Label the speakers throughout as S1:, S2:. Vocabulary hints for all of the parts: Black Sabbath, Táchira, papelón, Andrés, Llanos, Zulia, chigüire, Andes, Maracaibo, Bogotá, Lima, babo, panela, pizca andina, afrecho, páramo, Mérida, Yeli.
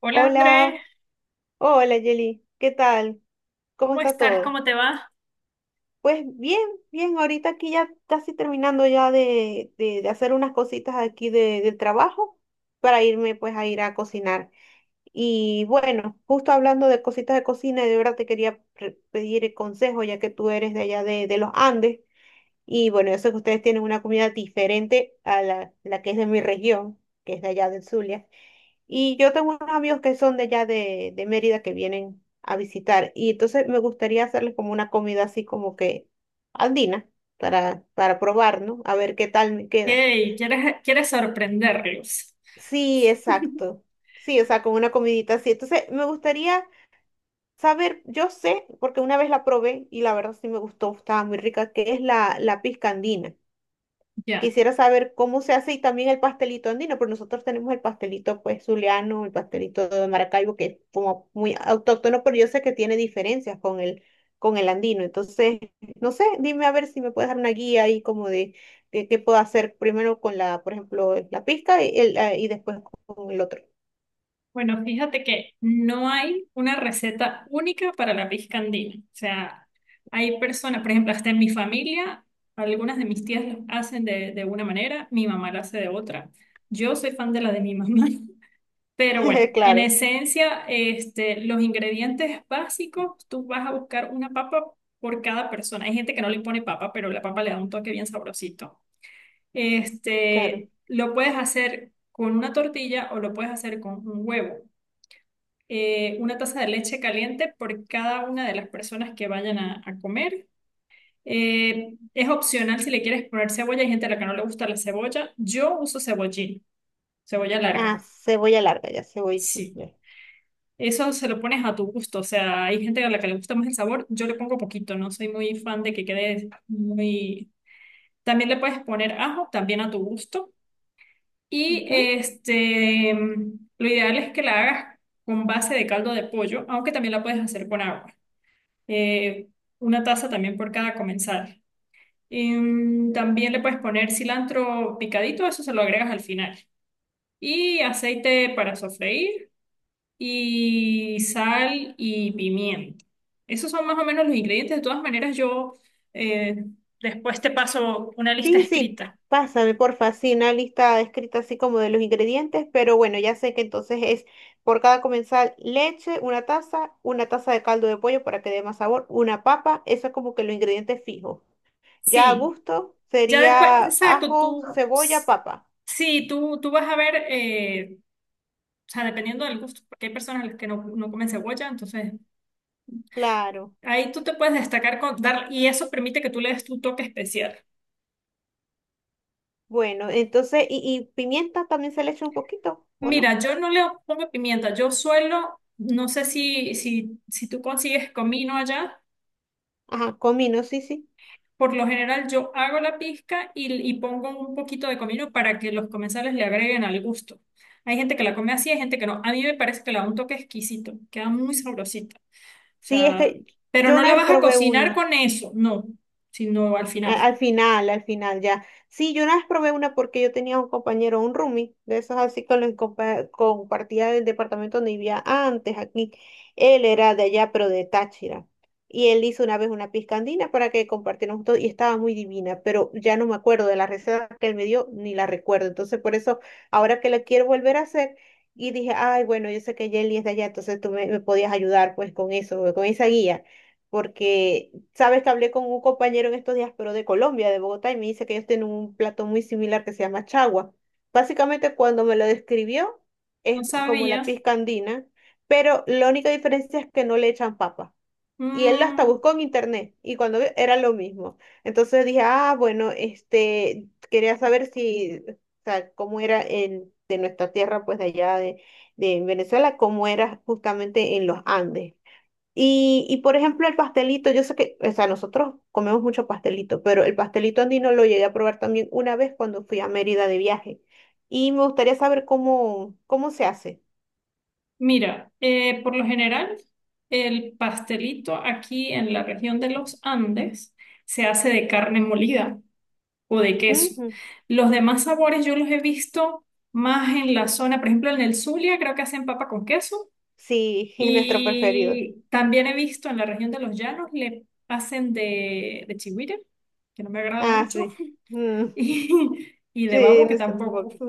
S1: Hola Andrés,
S2: Hola, hola Yeli, ¿qué tal? ¿Cómo
S1: ¿cómo
S2: está
S1: estás?
S2: todo?
S1: ¿Cómo te va?
S2: Pues bien, bien, ahorita aquí ya casi terminando ya de hacer unas cositas aquí de, del trabajo para irme pues a ir a cocinar. Y bueno, justo hablando de cositas de cocina, de verdad te quería pedir el consejo ya que tú eres de allá de los Andes y bueno, yo sé que ustedes tienen una comida diferente a la que es de mi región, que es de allá del Zulia. Y yo tengo unos amigos que son de allá de Mérida que vienen a visitar. Y entonces me gustaría hacerles como una comida así como que andina para probar, ¿no? A ver qué tal me queda.
S1: Hey, ¿¿quieres sorprenderlos?
S2: Sí, exacto. Sí, o sea, como una comidita así. Entonces me gustaría saber, yo sé, porque una vez la probé y la verdad sí me gustó, estaba muy rica, que es la pisca andina.
S1: Ya.
S2: Quisiera saber cómo se hace y también el pastelito andino, pero nosotros tenemos el pastelito pues zuliano, el pastelito de Maracaibo, que es como muy autóctono, pero yo sé que tiene diferencias con el andino. Entonces, no sé, dime a ver si me puedes dar una guía ahí como de qué puedo hacer primero con la, por ejemplo, la pizca y, y después con el otro.
S1: Bueno, fíjate que no hay una receta única para la pizca andina. O sea, hay personas, por ejemplo, hasta en mi familia, algunas de mis tías lo hacen de una manera, mi mamá lo hace de otra. Yo soy fan de la de mi mamá. Pero bueno, en
S2: Claro,
S1: esencia, los ingredientes básicos, tú vas a buscar una papa por cada persona. Hay gente que no le pone papa, pero la papa le da un toque bien sabrosito.
S2: claro.
S1: Este, lo puedes hacer con una tortilla o lo puedes hacer con un huevo. Una taza de leche caliente por cada una de las personas que vayan a comer. Es opcional si le quieres poner cebolla. Hay gente a la que no le gusta la cebolla. Yo uso cebollín, cebolla
S2: Ah,
S1: larga.
S2: cebolla larga, ya cebolla
S1: Sí.
S2: simple.
S1: Eso se lo pones a tu gusto, o sea, hay gente a la que le gusta más el sabor, yo le pongo poquito, no soy muy fan de que quede muy... También le puedes poner ajo, también a tu gusto. Y
S2: Ujú.
S1: este, lo ideal es que la hagas con base de caldo de pollo, aunque también la puedes hacer con agua. Eh, una taza también por cada comensal. También le puedes poner cilantro picadito, eso se lo agregas al final. Y aceite para sofreír y sal y pimienta. Esos son más o menos los ingredientes. De todas maneras, yo eh, después te paso una lista
S2: Sí, sí,
S1: escrita.
S2: pásame porfa, sí, una lista escrita así como de los ingredientes, pero bueno, ya sé que entonces es por cada comensal leche, una taza de caldo de pollo para que dé más sabor, una papa, eso es como que los ingredientes fijos. Ya a
S1: Sí,
S2: gusto
S1: ya después,
S2: sería
S1: exacto,
S2: ajo,
S1: tú,
S2: cebolla,
S1: s-
S2: papa.
S1: sí, tú vas a ver, o sea, dependiendo del gusto, porque hay personas a las que no, no comen cebolla, entonces
S2: Claro,
S1: ahí tú te puedes destacar con dar, y eso permite que tú le des tu toque especial.
S2: bueno, entonces, y pimienta también se le echa un poquito, ¿o no?
S1: Mira, yo no le pongo pimienta, yo suelo, no sé si tú consigues comino allá.
S2: Ajá, comino, sí, sí.
S1: Por lo general yo hago la pizca y pongo un poquito de comino para que los comensales le agreguen al gusto. Hay gente que la come así, hay gente que no. A mí me parece que le da un toque exquisito, queda muy sabrosita. O
S2: Sí, es
S1: sea,
S2: que
S1: pero
S2: yo
S1: no
S2: una
S1: la
S2: vez
S1: vas a
S2: probé
S1: cocinar
S2: una.
S1: con eso, no, sino al final.
S2: Al final, ya. Sí, yo una vez probé una porque yo tenía un compañero, un roomie, de esos así con los que compartía del departamento donde vivía antes aquí. Él era de allá, pero de Táchira. Y él hizo una vez una piscandina para que compartiéramos todo y estaba muy divina, pero ya no me acuerdo de la receta que él me dio, ni la recuerdo. Entonces, por eso, ahora que la quiero volver a hacer, y dije, ay, bueno, yo sé que Jelly es de allá, entonces tú me, me podías ayudar pues con eso, con esa guía porque sabes que hablé con un compañero en estos días, pero de Colombia, de Bogotá, y me dice que ellos tienen un plato muy similar que se llama chagua. Básicamente, cuando me lo describió,
S1: No
S2: es como
S1: sabía.
S2: la pizca andina, pero la única diferencia es que no le echan papa. Y él hasta
S1: Mm,
S2: buscó en internet, y cuando vio, era lo mismo. Entonces dije, ah, bueno, este, quería saber si, o sea, cómo era en, de nuestra tierra, pues de allá de Venezuela, cómo era justamente en los Andes. Y por ejemplo, el pastelito, yo sé que, o sea, nosotros comemos mucho pastelito, pero el pastelito andino lo llegué a probar también una vez cuando fui a Mérida de viaje. Y me gustaría saber cómo, cómo se hace.
S1: mira, por lo general el pastelito aquí en la región de los Andes se hace de carne molida o de queso.
S2: Ujú.
S1: Los demás sabores yo los he visto más en la zona, por ejemplo, en el Zulia creo que hacen papa con queso
S2: Sí, es nuestro preferido.
S1: y también he visto en la región de los Llanos le hacen de chigüire, que no me agrada
S2: Ah,
S1: mucho,
S2: sí. Mm,
S1: y, y de
S2: sí,
S1: babo que
S2: nuestro
S1: tampoco.
S2: favorito.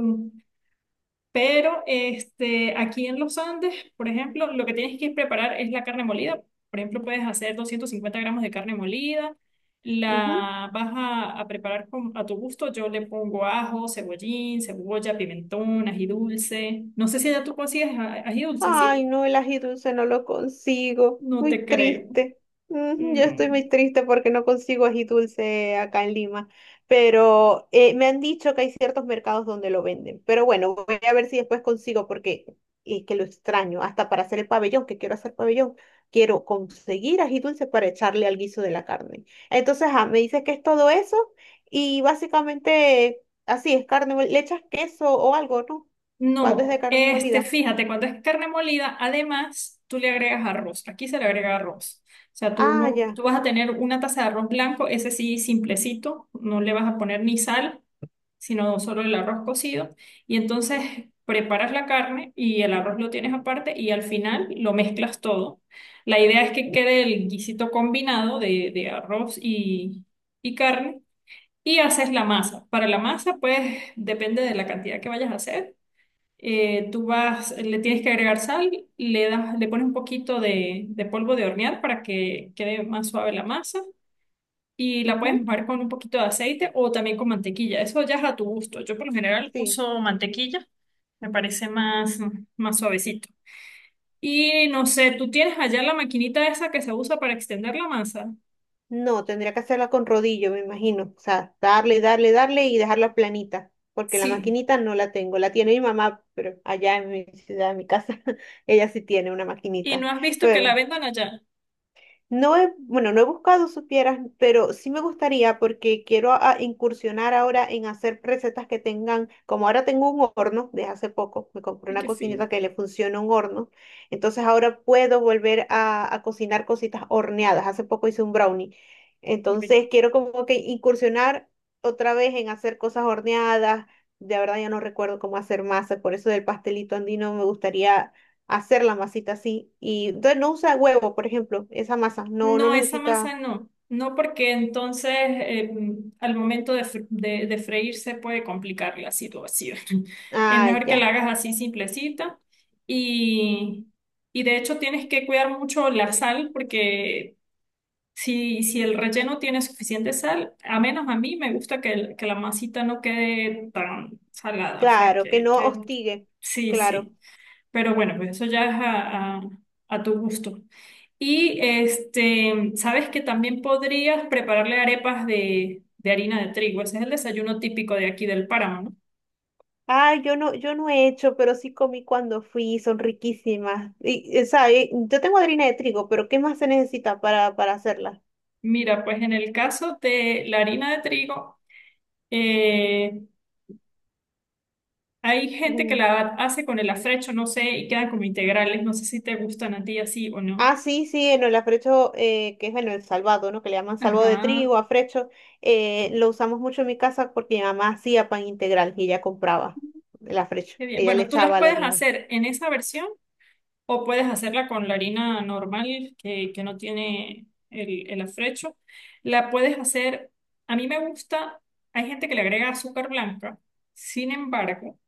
S1: Pero este, aquí en los Andes, por ejemplo, lo que tienes que preparar es la carne molida. Por ejemplo, puedes hacer 250 gramos de carne molida. La vas a preparar con- a tu gusto. Yo le pongo ajo, cebollín, cebolla, pimentón, ají dulce. No sé si ya tú consigues a- ají dulce,
S2: Ay,
S1: ¿sí?
S2: no, el ají dulce no lo consigo.
S1: No
S2: Muy
S1: te creo.
S2: triste. Mm, yo
S1: No.
S2: estoy muy triste porque no consigo ají dulce acá en Lima. Pero me han dicho que hay ciertos mercados donde lo venden. Pero bueno, voy a ver si después consigo porque es que lo extraño. Hasta para hacer el pabellón, que quiero hacer pabellón, quiero conseguir ají dulce para echarle al guiso de la carne. Entonces, ah, me dices que es todo eso y básicamente así es carne, le echas queso o algo, ¿no? Cuando es de
S1: No,
S2: carne
S1: este,
S2: molida.
S1: fíjate, cuando es carne molida, además tú le agregas arroz. Aquí se le agrega arroz. O sea,
S2: Ah,
S1: tú,
S2: ya.
S1: tú vas a tener una taza de arroz blanco, ese sí simplecito, no le vas a poner ni sal, sino solo el arroz cocido. Y entonces preparas la carne y el arroz lo tienes aparte y al final lo mezclas todo. La idea es que quede el guisito combinado de arroz y carne y haces la masa. Para la masa, pues depende de la cantidad que vayas a hacer. Tú vas, le tienes que agregar sal, le das, le pones un poquito de polvo de hornear para que quede más suave la masa y la puedes
S2: Ujú,
S1: mojar con un poquito de aceite o también con mantequilla. Eso ya es a tu gusto. Yo por lo general
S2: sí.
S1: uso mantequilla, me parece más, más suavecito. Y no sé, ¿tú tienes allá la maquinita esa que se usa para extender la masa?
S2: No, tendría que hacerla con rodillo, me imagino. O sea, darle, darle, darle y dejarla planita, porque la
S1: Sí.
S2: maquinita no la tengo. La tiene mi mamá, pero allá en mi ciudad, en mi casa, ella sí tiene una
S1: ¿Y
S2: maquinita.
S1: no has visto que la
S2: Pero
S1: vendan allá?
S2: no he, bueno, no he buscado, supieras, pero sí me gustaría porque quiero a incursionar ahora en hacer recetas que tengan, como ahora tengo un horno de hace poco, me compré
S1: Ay,
S2: una
S1: qué fino,
S2: cocineta que le funciona un horno, entonces ahora puedo volver a cocinar cositas horneadas. Hace poco hice un brownie,
S1: qué rico.
S2: entonces quiero como que incursionar otra vez en hacer cosas horneadas. De verdad ya no recuerdo cómo hacer masa, por eso del pastelito andino me gustaría hacer la masita así. Y entonces no usa huevo, por ejemplo, esa masa. No, no
S1: No, esa masa
S2: necesita.
S1: no. No, porque entonces al momento de, de freírse puede complicar la situación. Es
S2: Ah,
S1: mejor que
S2: ya.
S1: la hagas así simplecita. Y, y de hecho tienes que cuidar mucho la sal porque si el relleno tiene suficiente sal, a menos a mí me gusta que, el- que la masita no quede tan salada. O sea,
S2: Claro, que
S1: que,
S2: no
S1: que
S2: hostigue.
S1: sí,
S2: Claro.
S1: sí. Pero bueno, pues eso ya es a tu gusto. Y este, sabes que también podrías prepararle arepas de harina de trigo. Ese es el desayuno típico de aquí del páramo, ¿no?
S2: Ah, yo no, yo no he hecho, pero sí comí cuando fui, son riquísimas. Y, sabe, yo tengo harina de trigo, pero ¿qué más se necesita para hacerla?
S1: Mira, pues en el caso de la harina de trigo, eh, hay gente que
S2: Mm.
S1: la hace con el afrecho, no sé, y quedan como integrales. No sé si te gustan a ti así o no.
S2: Ah, sí, sí, en el afrecho, que es bueno, el salvado, ¿no? Que le llaman salvado de
S1: Ajá,
S2: trigo, afrecho. Eh, lo usamos mucho en mi casa porque mi mamá hacía pan integral y ella compraba el afrecho.
S1: qué bien.
S2: Ella le
S1: Bueno, tú las
S2: echaba la
S1: puedes
S2: harina.
S1: hacer en esa versión. O puedes hacerla con la harina normal que no tiene el afrecho. La puedes hacer, a mí me gusta, hay gente que le agrega azúcar blanca. Sin embargo,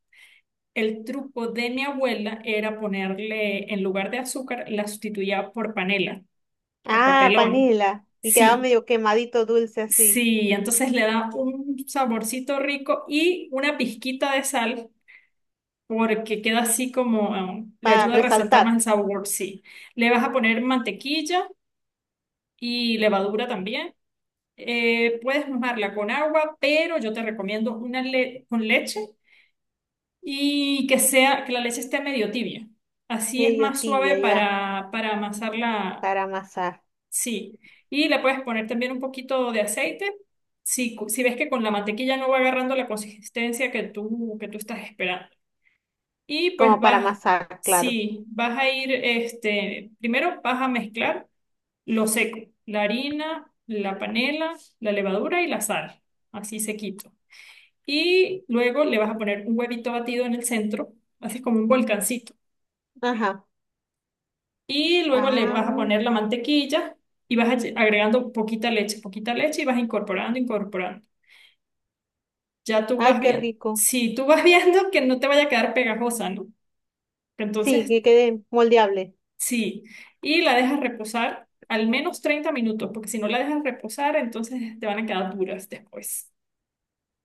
S1: el truco de mi abuela era ponerle, en lugar de azúcar, la sustituía por panela, por
S2: Ah,
S1: papelón.
S2: panela. Y quedaba
S1: Sí,
S2: medio quemadito dulce así,
S1: sí, entonces le da un saborcito rico y una pizquita de sal porque queda así como, le
S2: para
S1: ayuda a resaltar más
S2: resaltar.
S1: el sabor, sí. Le vas a poner mantequilla y levadura también. Puedes mojarla con agua, pero yo te recomiendo una le- con leche y que sea, que la leche esté medio tibia. Así es
S2: Medio
S1: más
S2: tibia
S1: suave
S2: ya,
S1: para amasarla,
S2: para amasar.
S1: sí. Y le puedes poner también un poquito de aceite. Si, cu- si ves que con la mantequilla no va agarrando la consistencia que tú estás esperando. Y pues
S2: Como para
S1: vas,
S2: amasar, claro.
S1: sí, vas a ir, este, primero vas a mezclar lo seco, la harina, la panela, la levadura y la sal, así sequito. Y luego le vas a poner un huevito batido en el centro, así como un volcancito.
S2: Ajá.
S1: Y luego le vas a
S2: Ah,
S1: poner la mantequilla y vas a lle- agregando poquita leche y vas incorporando, incorporando. Ya tú vas
S2: ay, qué
S1: viendo.
S2: rico.
S1: Si tú vas viendo que no te vaya a quedar pegajosa, ¿no?
S2: Sí,
S1: Entonces
S2: que quede moldeable.
S1: sí, y la dejas reposar al menos 30 minutos, porque si no la dejas reposar, entonces te van a quedar duras después.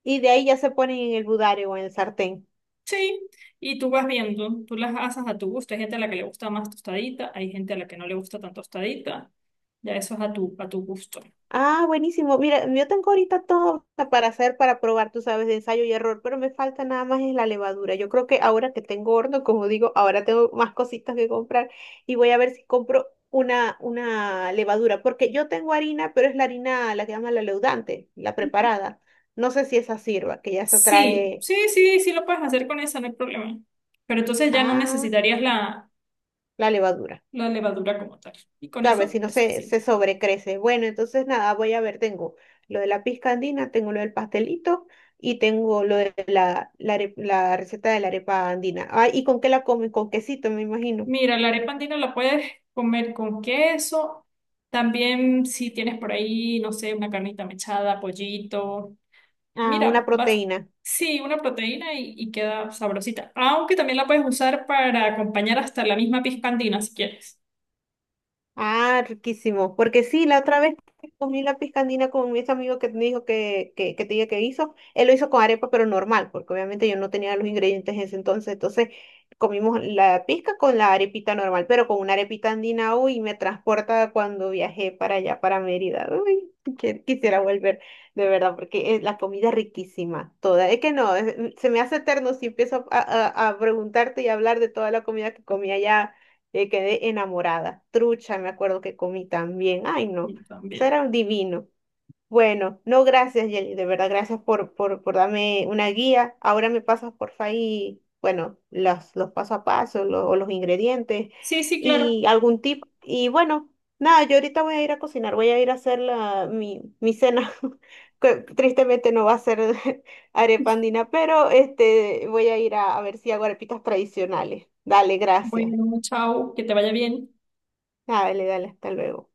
S2: Y de ahí ya se ponen en el budare o en el sartén.
S1: Sí, y tú vas viendo, tú las asas a tu gusto. Hay gente a la que le gusta más tostadita, hay gente a la que no le gusta tan tostadita. Ya eso es a tu gusto.
S2: Ah, buenísimo. Mira, yo tengo ahorita todo para hacer, para probar, tú sabes, de ensayo y error, pero me falta nada más es la levadura. Yo creo que ahora que tengo horno, como digo, ahora tengo más cositas que comprar y voy a ver si compro una levadura, porque yo tengo harina, pero es la harina, la que llaman la leudante, la preparada. No sé si esa sirva, que ya se
S1: Sí,
S2: trae,
S1: sí, sí, sí lo puedes hacer con esa, no hay problema. Pero entonces ya no
S2: ah,
S1: necesitarías la,
S2: la levadura.
S1: la levadura como tal. Y con
S2: Claro,
S1: eso
S2: si no
S1: es
S2: se, se
S1: suficiente.
S2: sobrecrece. Bueno, entonces nada, voy a ver, tengo lo de la pizca andina, tengo lo del pastelito y tengo lo de la, la, la receta de la arepa andina. Ah, ¿y con qué la comen? Con quesito, me imagino.
S1: Mira, la arepa andina la puedes comer con queso. También si tienes por ahí, no sé, una carnita mechada, pollito.
S2: Ah, una
S1: Mira, vas,
S2: proteína.
S1: sí, una proteína y queda sabrosita. Aunque también la puedes usar para acompañar hasta la misma pisca andina si quieres.
S2: Ah, riquísimo. Porque sí, la otra vez que comí la piscandina con ese amigo que me dijo que te dije que hizo. Él lo hizo con arepa, pero normal, porque obviamente yo no tenía los ingredientes en ese entonces. Entonces comimos la pizca con la arepita normal, pero con una arepita andina, uy, me transporta a cuando viajé para allá, para Mérida. Uy, que quisiera volver, de verdad, porque la comida es riquísima, toda. Es que no, se me hace eterno si empiezo a preguntarte y a hablar de toda la comida que comí allá quedé enamorada. Trucha, me acuerdo que comí también. Ay, no,
S1: Y
S2: eso
S1: también.
S2: era un divino. Bueno, no, gracias, Yeli, de verdad, gracias por darme una guía. Ahora me pasas, porfa, ahí, bueno, los paso a paso, o los ingredientes
S1: Sí, sí, claro.
S2: y algún tip. Y bueno, nada, yo ahorita voy a ir a cocinar, voy a ir a hacer la, mi cena. Que tristemente no va a ser arepa andina, pero este, voy a ir a ver si hago arepitas tradicionales. Dale, gracias.
S1: Bueno, chao, que te vaya bien.
S2: Ah, dale, dale, hasta luego.